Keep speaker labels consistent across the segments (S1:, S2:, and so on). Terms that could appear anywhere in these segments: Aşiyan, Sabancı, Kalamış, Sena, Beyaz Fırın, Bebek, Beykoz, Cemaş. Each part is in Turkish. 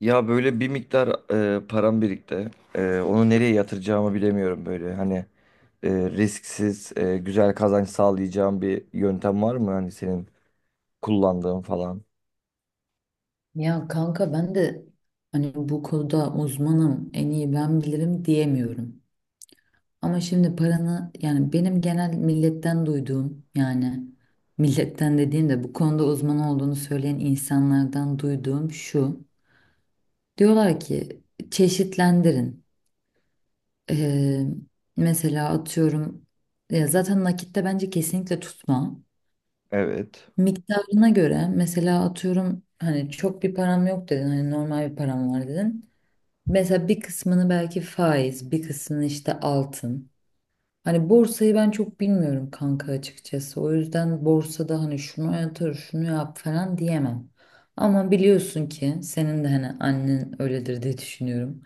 S1: Ya böyle bir miktar param birikti. Onu nereye yatıracağımı bilemiyorum böyle. Hani risksiz, güzel kazanç sağlayacağım bir yöntem var mı? Hani senin kullandığın falan.
S2: Ya kanka ben de hani bu konuda uzmanım, en iyi ben bilirim diyemiyorum. Ama şimdi paranı yani benim genel milletten duyduğum yani milletten dediğim de bu konuda uzman olduğunu söyleyen insanlardan duyduğum şu. Diyorlar ki çeşitlendirin. Ee, mesela atıyorum ya zaten nakitte bence kesinlikle tutma.
S1: Evet.
S2: Miktarına göre mesela atıyorum hani çok bir param yok dedin hani normal bir param var dedin. Mesela bir kısmını belki faiz, bir kısmını işte altın. Hani borsayı ben çok bilmiyorum kanka açıkçası. O yüzden borsada hani şunu yatır, şunu yap falan diyemem. Ama biliyorsun ki senin de hani annen öyledir diye düşünüyorum.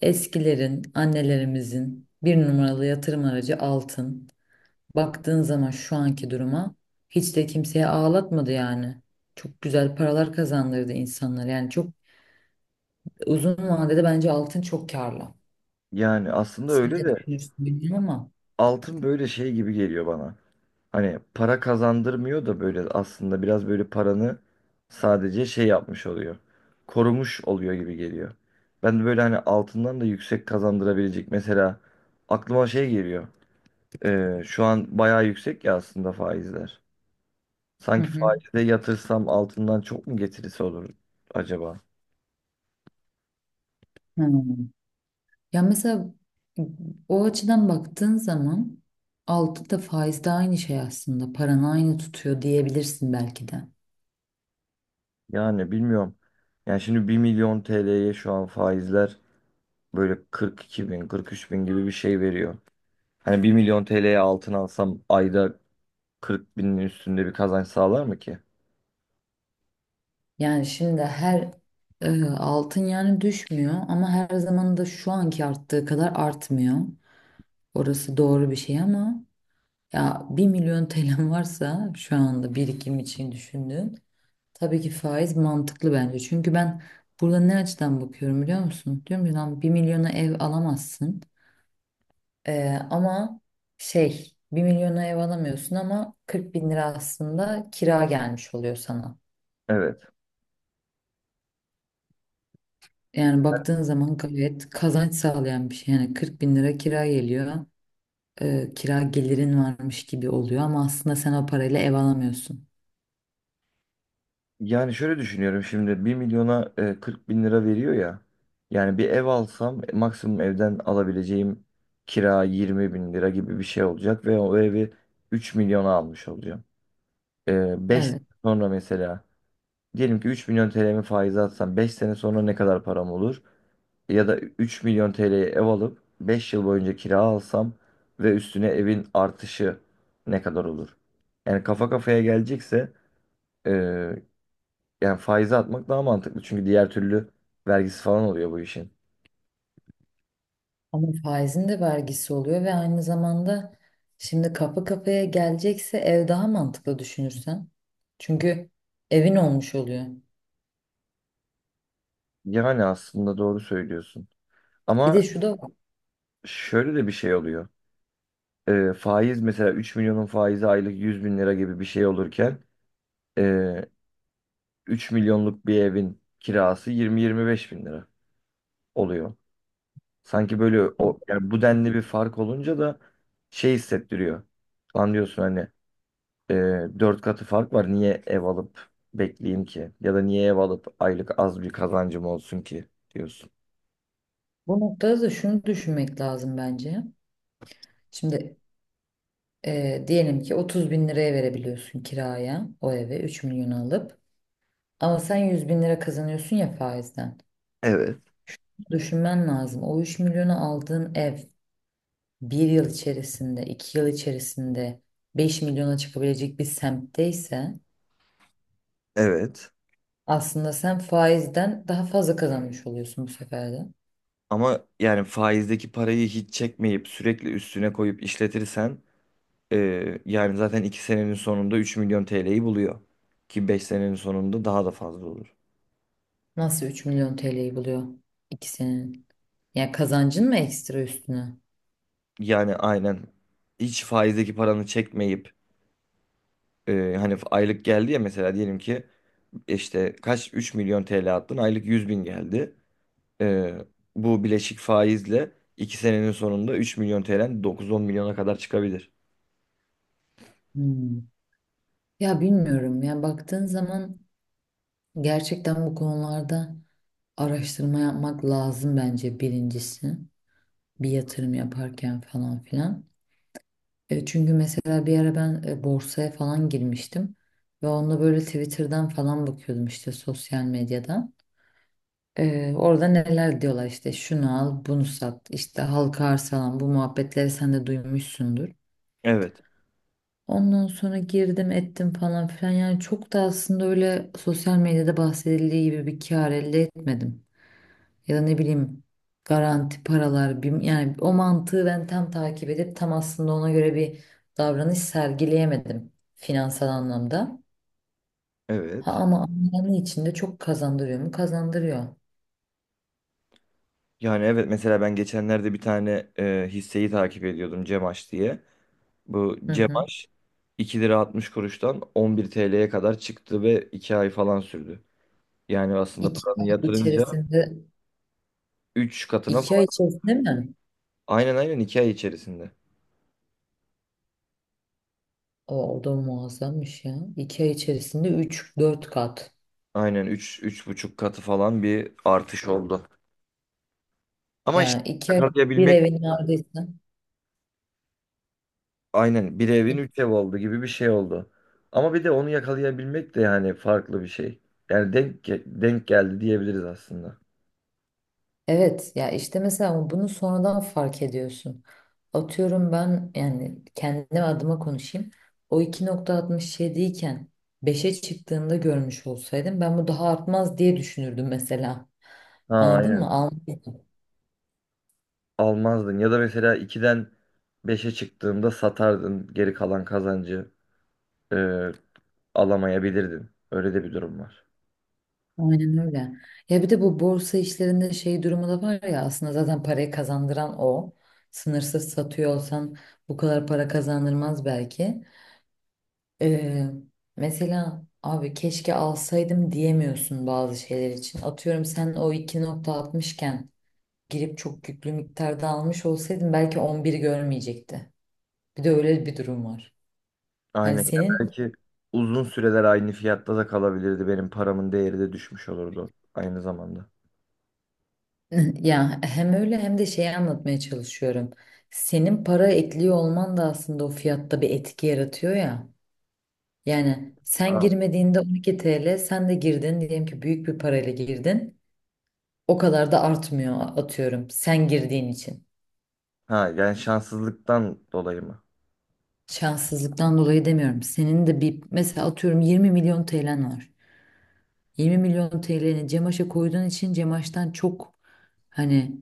S2: Eskilerin, annelerimizin bir numaralı yatırım aracı altın. Baktığın zaman şu anki duruma hiç de kimseye ağlatmadı yani. Çok güzel paralar kazandırdı insanlar. Yani çok uzun vadede bence altın çok karlı.
S1: Yani aslında
S2: Siz
S1: öyle
S2: de
S1: de
S2: düşünürsünüz değil ama.
S1: altın böyle şey gibi geliyor bana. Hani para kazandırmıyor da böyle aslında biraz böyle paranı sadece şey yapmış oluyor. Korumuş oluyor gibi geliyor. Ben de böyle hani altından da yüksek kazandırabilecek mesela aklıma şey geliyor. Şu an bayağı yüksek ya aslında faizler.
S2: Hı
S1: Sanki
S2: hı.
S1: faize yatırsam altından çok mu getirisi olur acaba?
S2: Hmm. Ya mesela o açıdan baktığın zaman altı da faiz de aynı şey aslında. Paranı aynı tutuyor diyebilirsin belki de.
S1: Yani bilmiyorum. Yani şimdi bir milyon TL'ye şu an faizler böyle 42 bin, 43 bin gibi bir şey veriyor. Hani bir milyon TL'ye altın alsam ayda 40 binin üstünde bir kazanç sağlar mı ki?
S2: Yani şimdi her altın yani düşmüyor ama her zaman da şu anki arttığı kadar artmıyor. Orası doğru bir şey ama ya bir milyon TL'm varsa şu anda birikim için düşündüğün. Tabii ki faiz mantıklı bence. Çünkü ben burada ne açıdan bakıyorum biliyor musun? Diyorum ki lan bir milyona ev alamazsın. Ama şey bir milyona ev alamıyorsun ama 40 bin lira aslında kira gelmiş oluyor sana.
S1: Evet.
S2: Yani baktığın zaman gayet kazanç sağlayan bir şey. Yani 40 bin lira kira geliyor. Kira gelirin varmış gibi oluyor ama aslında sen o parayla ev alamıyorsun.
S1: Yani şöyle düşünüyorum şimdi bir milyona 40 bin lira veriyor ya. Yani bir ev alsam maksimum evden alabileceğim kira 20 bin lira gibi bir şey olacak ve o evi 3 milyona almış olacağım. 5
S2: Evet.
S1: sonra mesela diyelim ki 3 milyon TL'mi faize atsam 5 sene sonra ne kadar param olur? Ya da 3 milyon TL'ye ev alıp 5 yıl boyunca kira alsam ve üstüne evin artışı ne kadar olur? Yani kafa kafaya gelecekse e, yani faize atmak daha mantıklı. Çünkü diğer türlü vergisi falan oluyor bu işin.
S2: Ama faizin de vergisi oluyor ve aynı zamanda şimdi kapı kapıya gelecekse ev daha mantıklı düşünürsen. Çünkü evin olmuş oluyor.
S1: Yani aslında doğru söylüyorsun.
S2: Bir de
S1: Ama
S2: şu da var.
S1: şöyle de bir şey oluyor. Faiz mesela 3 milyonun faizi aylık 100 bin lira gibi bir şey olurken e, 3 milyonluk bir evin kirası yirmi yirmi beş bin lira oluyor. Sanki böyle o yani bu denli bir fark olunca da şey hissettiriyor. Lan diyorsun hani e, 4 katı fark var niye ev alıp bekleyeyim ki? Ya da niye ev alıp aylık az bir kazancım olsun ki diyorsun.
S2: Bu noktada da şunu düşünmek lazım bence. Şimdi diyelim ki 30 bin liraya verebiliyorsun kiraya o eve 3 milyon alıp. Ama sen 100 bin lira kazanıyorsun ya faizden.
S1: Evet,
S2: Düşünmen lazım. O 3 milyonu aldığın ev bir yıl içerisinde, iki yıl içerisinde 5 milyona çıkabilecek bir semtte ise
S1: evet.
S2: aslında sen faizden daha fazla kazanmış oluyorsun bu sefer de.
S1: Ama yani faizdeki parayı hiç çekmeyip sürekli üstüne koyup işletirsen yani zaten 2 senenin sonunda 3 milyon TL'yi buluyor. Ki 5 senenin sonunda daha da fazla olur.
S2: Nasıl 3 milyon TL'yi buluyor ikisinin? Ya kazancın mı ekstra üstüne?
S1: Yani aynen hiç faizdeki paranı çekmeyip hani aylık geldi ya mesela diyelim ki işte kaç 3 milyon TL attın aylık 100 bin geldi. Ee, bu bileşik faizle 2 senenin sonunda 3 milyon TL'den dokuz on milyona kadar çıkabilir.
S2: Hmm. Ya bilmiyorum ya baktığın zaman gerçekten bu konularda araştırma yapmak lazım bence birincisi. Bir yatırım yaparken falan filan. Çünkü mesela bir ara ben borsaya falan girmiştim ve onda böyle Twitter'dan falan bakıyordum işte sosyal medyadan. Orada neler diyorlar işte şunu al, bunu sat, işte halka arz falan bu muhabbetleri sen de duymuşsundur.
S1: Evet.
S2: Ondan sonra girdim ettim falan filan yani çok da aslında öyle sosyal medyada bahsedildiği gibi bir kar elde etmedim. Ya da ne bileyim garanti paralar bir, yani o mantığı ben tam takip edip tam aslında ona göre bir davranış sergileyemedim finansal anlamda. Ha
S1: Evet.
S2: ama anlamı içinde çok kazandırıyor mu? Kazandırıyor.
S1: Yani evet mesela ben geçenlerde bir tane hisseyi takip ediyordum Cemaş diye. Bu
S2: Hı hı.
S1: Cebaş 2 lira 60 kuruştan 11 TL'ye kadar çıktı ve 2 ay falan sürdü. Yani aslında
S2: İki
S1: paranı
S2: ay
S1: yatırınca
S2: içerisinde
S1: 3 katına
S2: iki ay
S1: falan,
S2: içerisinde mi?
S1: aynen aynen, 2 ay içerisinde.
S2: O da muazzammış ya. İki ay içerisinde üç dört kat.
S1: Aynen üç buçuk katı falan bir artış oldu. Ama işte
S2: Yani iki ay bir
S1: yakalayabilmek,
S2: evin neredeyse.
S1: aynen bir evin 3 ev oldu gibi bir şey oldu. Ama bir de onu yakalayabilmek de yani farklı bir şey. Yani denk geldi diyebiliriz aslında.
S2: Evet ya işte mesela bunu sonradan fark ediyorsun. Atıyorum ben yani kendim adıma konuşayım. O 2,67 iken beşe çıktığında görmüş olsaydım ben bu daha artmaz diye düşünürdüm mesela.
S1: Ha
S2: Anladın mı?
S1: aynen. Almazdın. Ya da mesela 2'den beşe çıktığında satardın. Geri kalan kazancı e, alamayabilirdin. Öyle de bir durum var.
S2: Aynen öyle. Ya bir de bu borsa işlerinde şey durumu da var ya aslında zaten parayı kazandıran o. Sınırsız satıyor olsan bu kadar para kazandırmaz belki. Ee, mesela abi keşke alsaydım diyemiyorsun bazı şeyler için. Atıyorum sen o 2,60 iken girip çok yüklü miktarda almış olsaydın belki 11 görmeyecekti. Bir de öyle bir durum var.
S1: Aynen.
S2: Hani
S1: Ya
S2: senin
S1: belki uzun süreler aynı fiyatta da kalabilirdi. Benim paramın değeri de düşmüş olurdu aynı zamanda.
S2: ya hem öyle hem de şeyi anlatmaya çalışıyorum. Senin para ekliyor olman da aslında o fiyatta bir etki yaratıyor ya. Yani sen
S1: Ha,
S2: girmediğinde 12 TL, sen de girdin diyelim ki büyük bir parayla girdin. O kadar da artmıyor atıyorum sen girdiğin için.
S1: ha, yani şanssızlıktan dolayı mı?
S2: Şanssızlıktan dolayı demiyorum. Senin de bir mesela atıyorum 20 milyon TL'n var. 20 milyon TL'ni Cemaş'a koyduğun için Cemaş'tan çok hani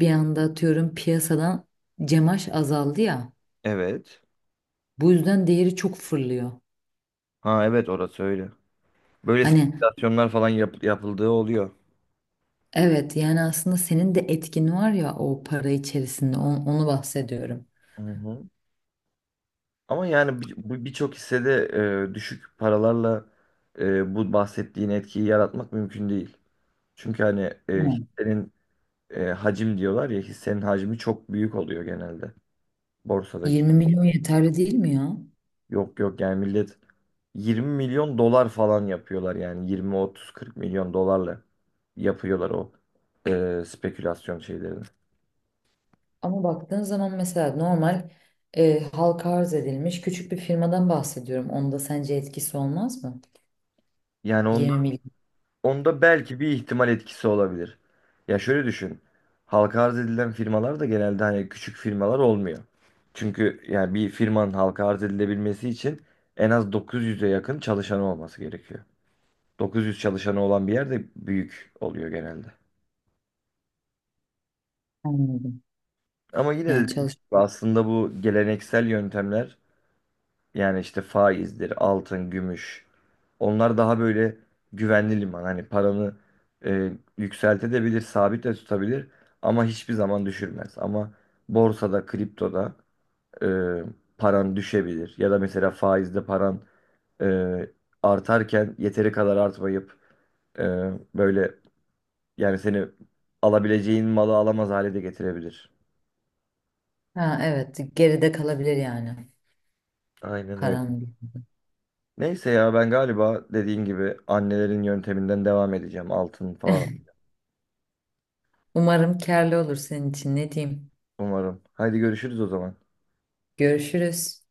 S2: bir anda atıyorum piyasadan Cemaş azaldı ya.
S1: Evet.
S2: Bu yüzden değeri çok fırlıyor.
S1: Ha evet, orası öyle. Böyle
S2: Hani
S1: spekülasyonlar falan yapıldığı oluyor.
S2: evet yani aslında senin de etkin var ya o para içerisinde onu bahsediyorum.
S1: Hı hı. Ama yani birçok hissede düşük paralarla bu bahsettiğin etkiyi yaratmak mümkün değil. Çünkü hani
S2: Evet.
S1: hissenin hacim diyorlar ya, hissenin hacmi çok büyük oluyor genelde borsadaki.
S2: 20 milyon yeterli değil mi ya?
S1: Yok, yok, yani millet 20 milyon dolar falan yapıyorlar, yani 20 30 40 milyon dolarla yapıyorlar o spekülasyon şeylerini.
S2: Ama baktığın zaman mesela normal halka arz edilmiş küçük bir firmadan bahsediyorum. Onda sence etkisi olmaz mı?
S1: Yani onun
S2: 20 milyon.
S1: Onda belki bir ihtimal etkisi olabilir. Ya şöyle düşün. Halka arz edilen firmalar da genelde hani küçük firmalar olmuyor. Çünkü yani bir firmanın halka arz edilebilmesi için en az 900'e yakın çalışanı olması gerekiyor. 900 çalışanı olan bir yerde büyük oluyor genelde.
S2: Anladım.
S1: Ama yine de
S2: Yani
S1: dediğim
S2: çalış.
S1: gibi aslında bu geleneksel yöntemler, yani işte faizdir, altın, gümüş. Onlar daha böyle güvenli liman. Hani paranı e, yükseltebilir, sabit de tutabilir ama hiçbir zaman düşürmez. Ama borsada, kriptoda e, paran düşebilir. Ya da mesela faizde paran e, artarken yeteri kadar artmayıp e, böyle yani seni alabileceğin malı alamaz hale de getirebilir.
S2: Ha evet geride kalabilir yani
S1: Aynen öyle.
S2: paran.
S1: Neyse ya, ben galiba dediğin gibi annelerin yönteminden devam edeceğim, altın falan.
S2: Umarım karlı olur senin için ne diyeyim.
S1: Umarım. Haydi görüşürüz o zaman.
S2: Görüşürüz.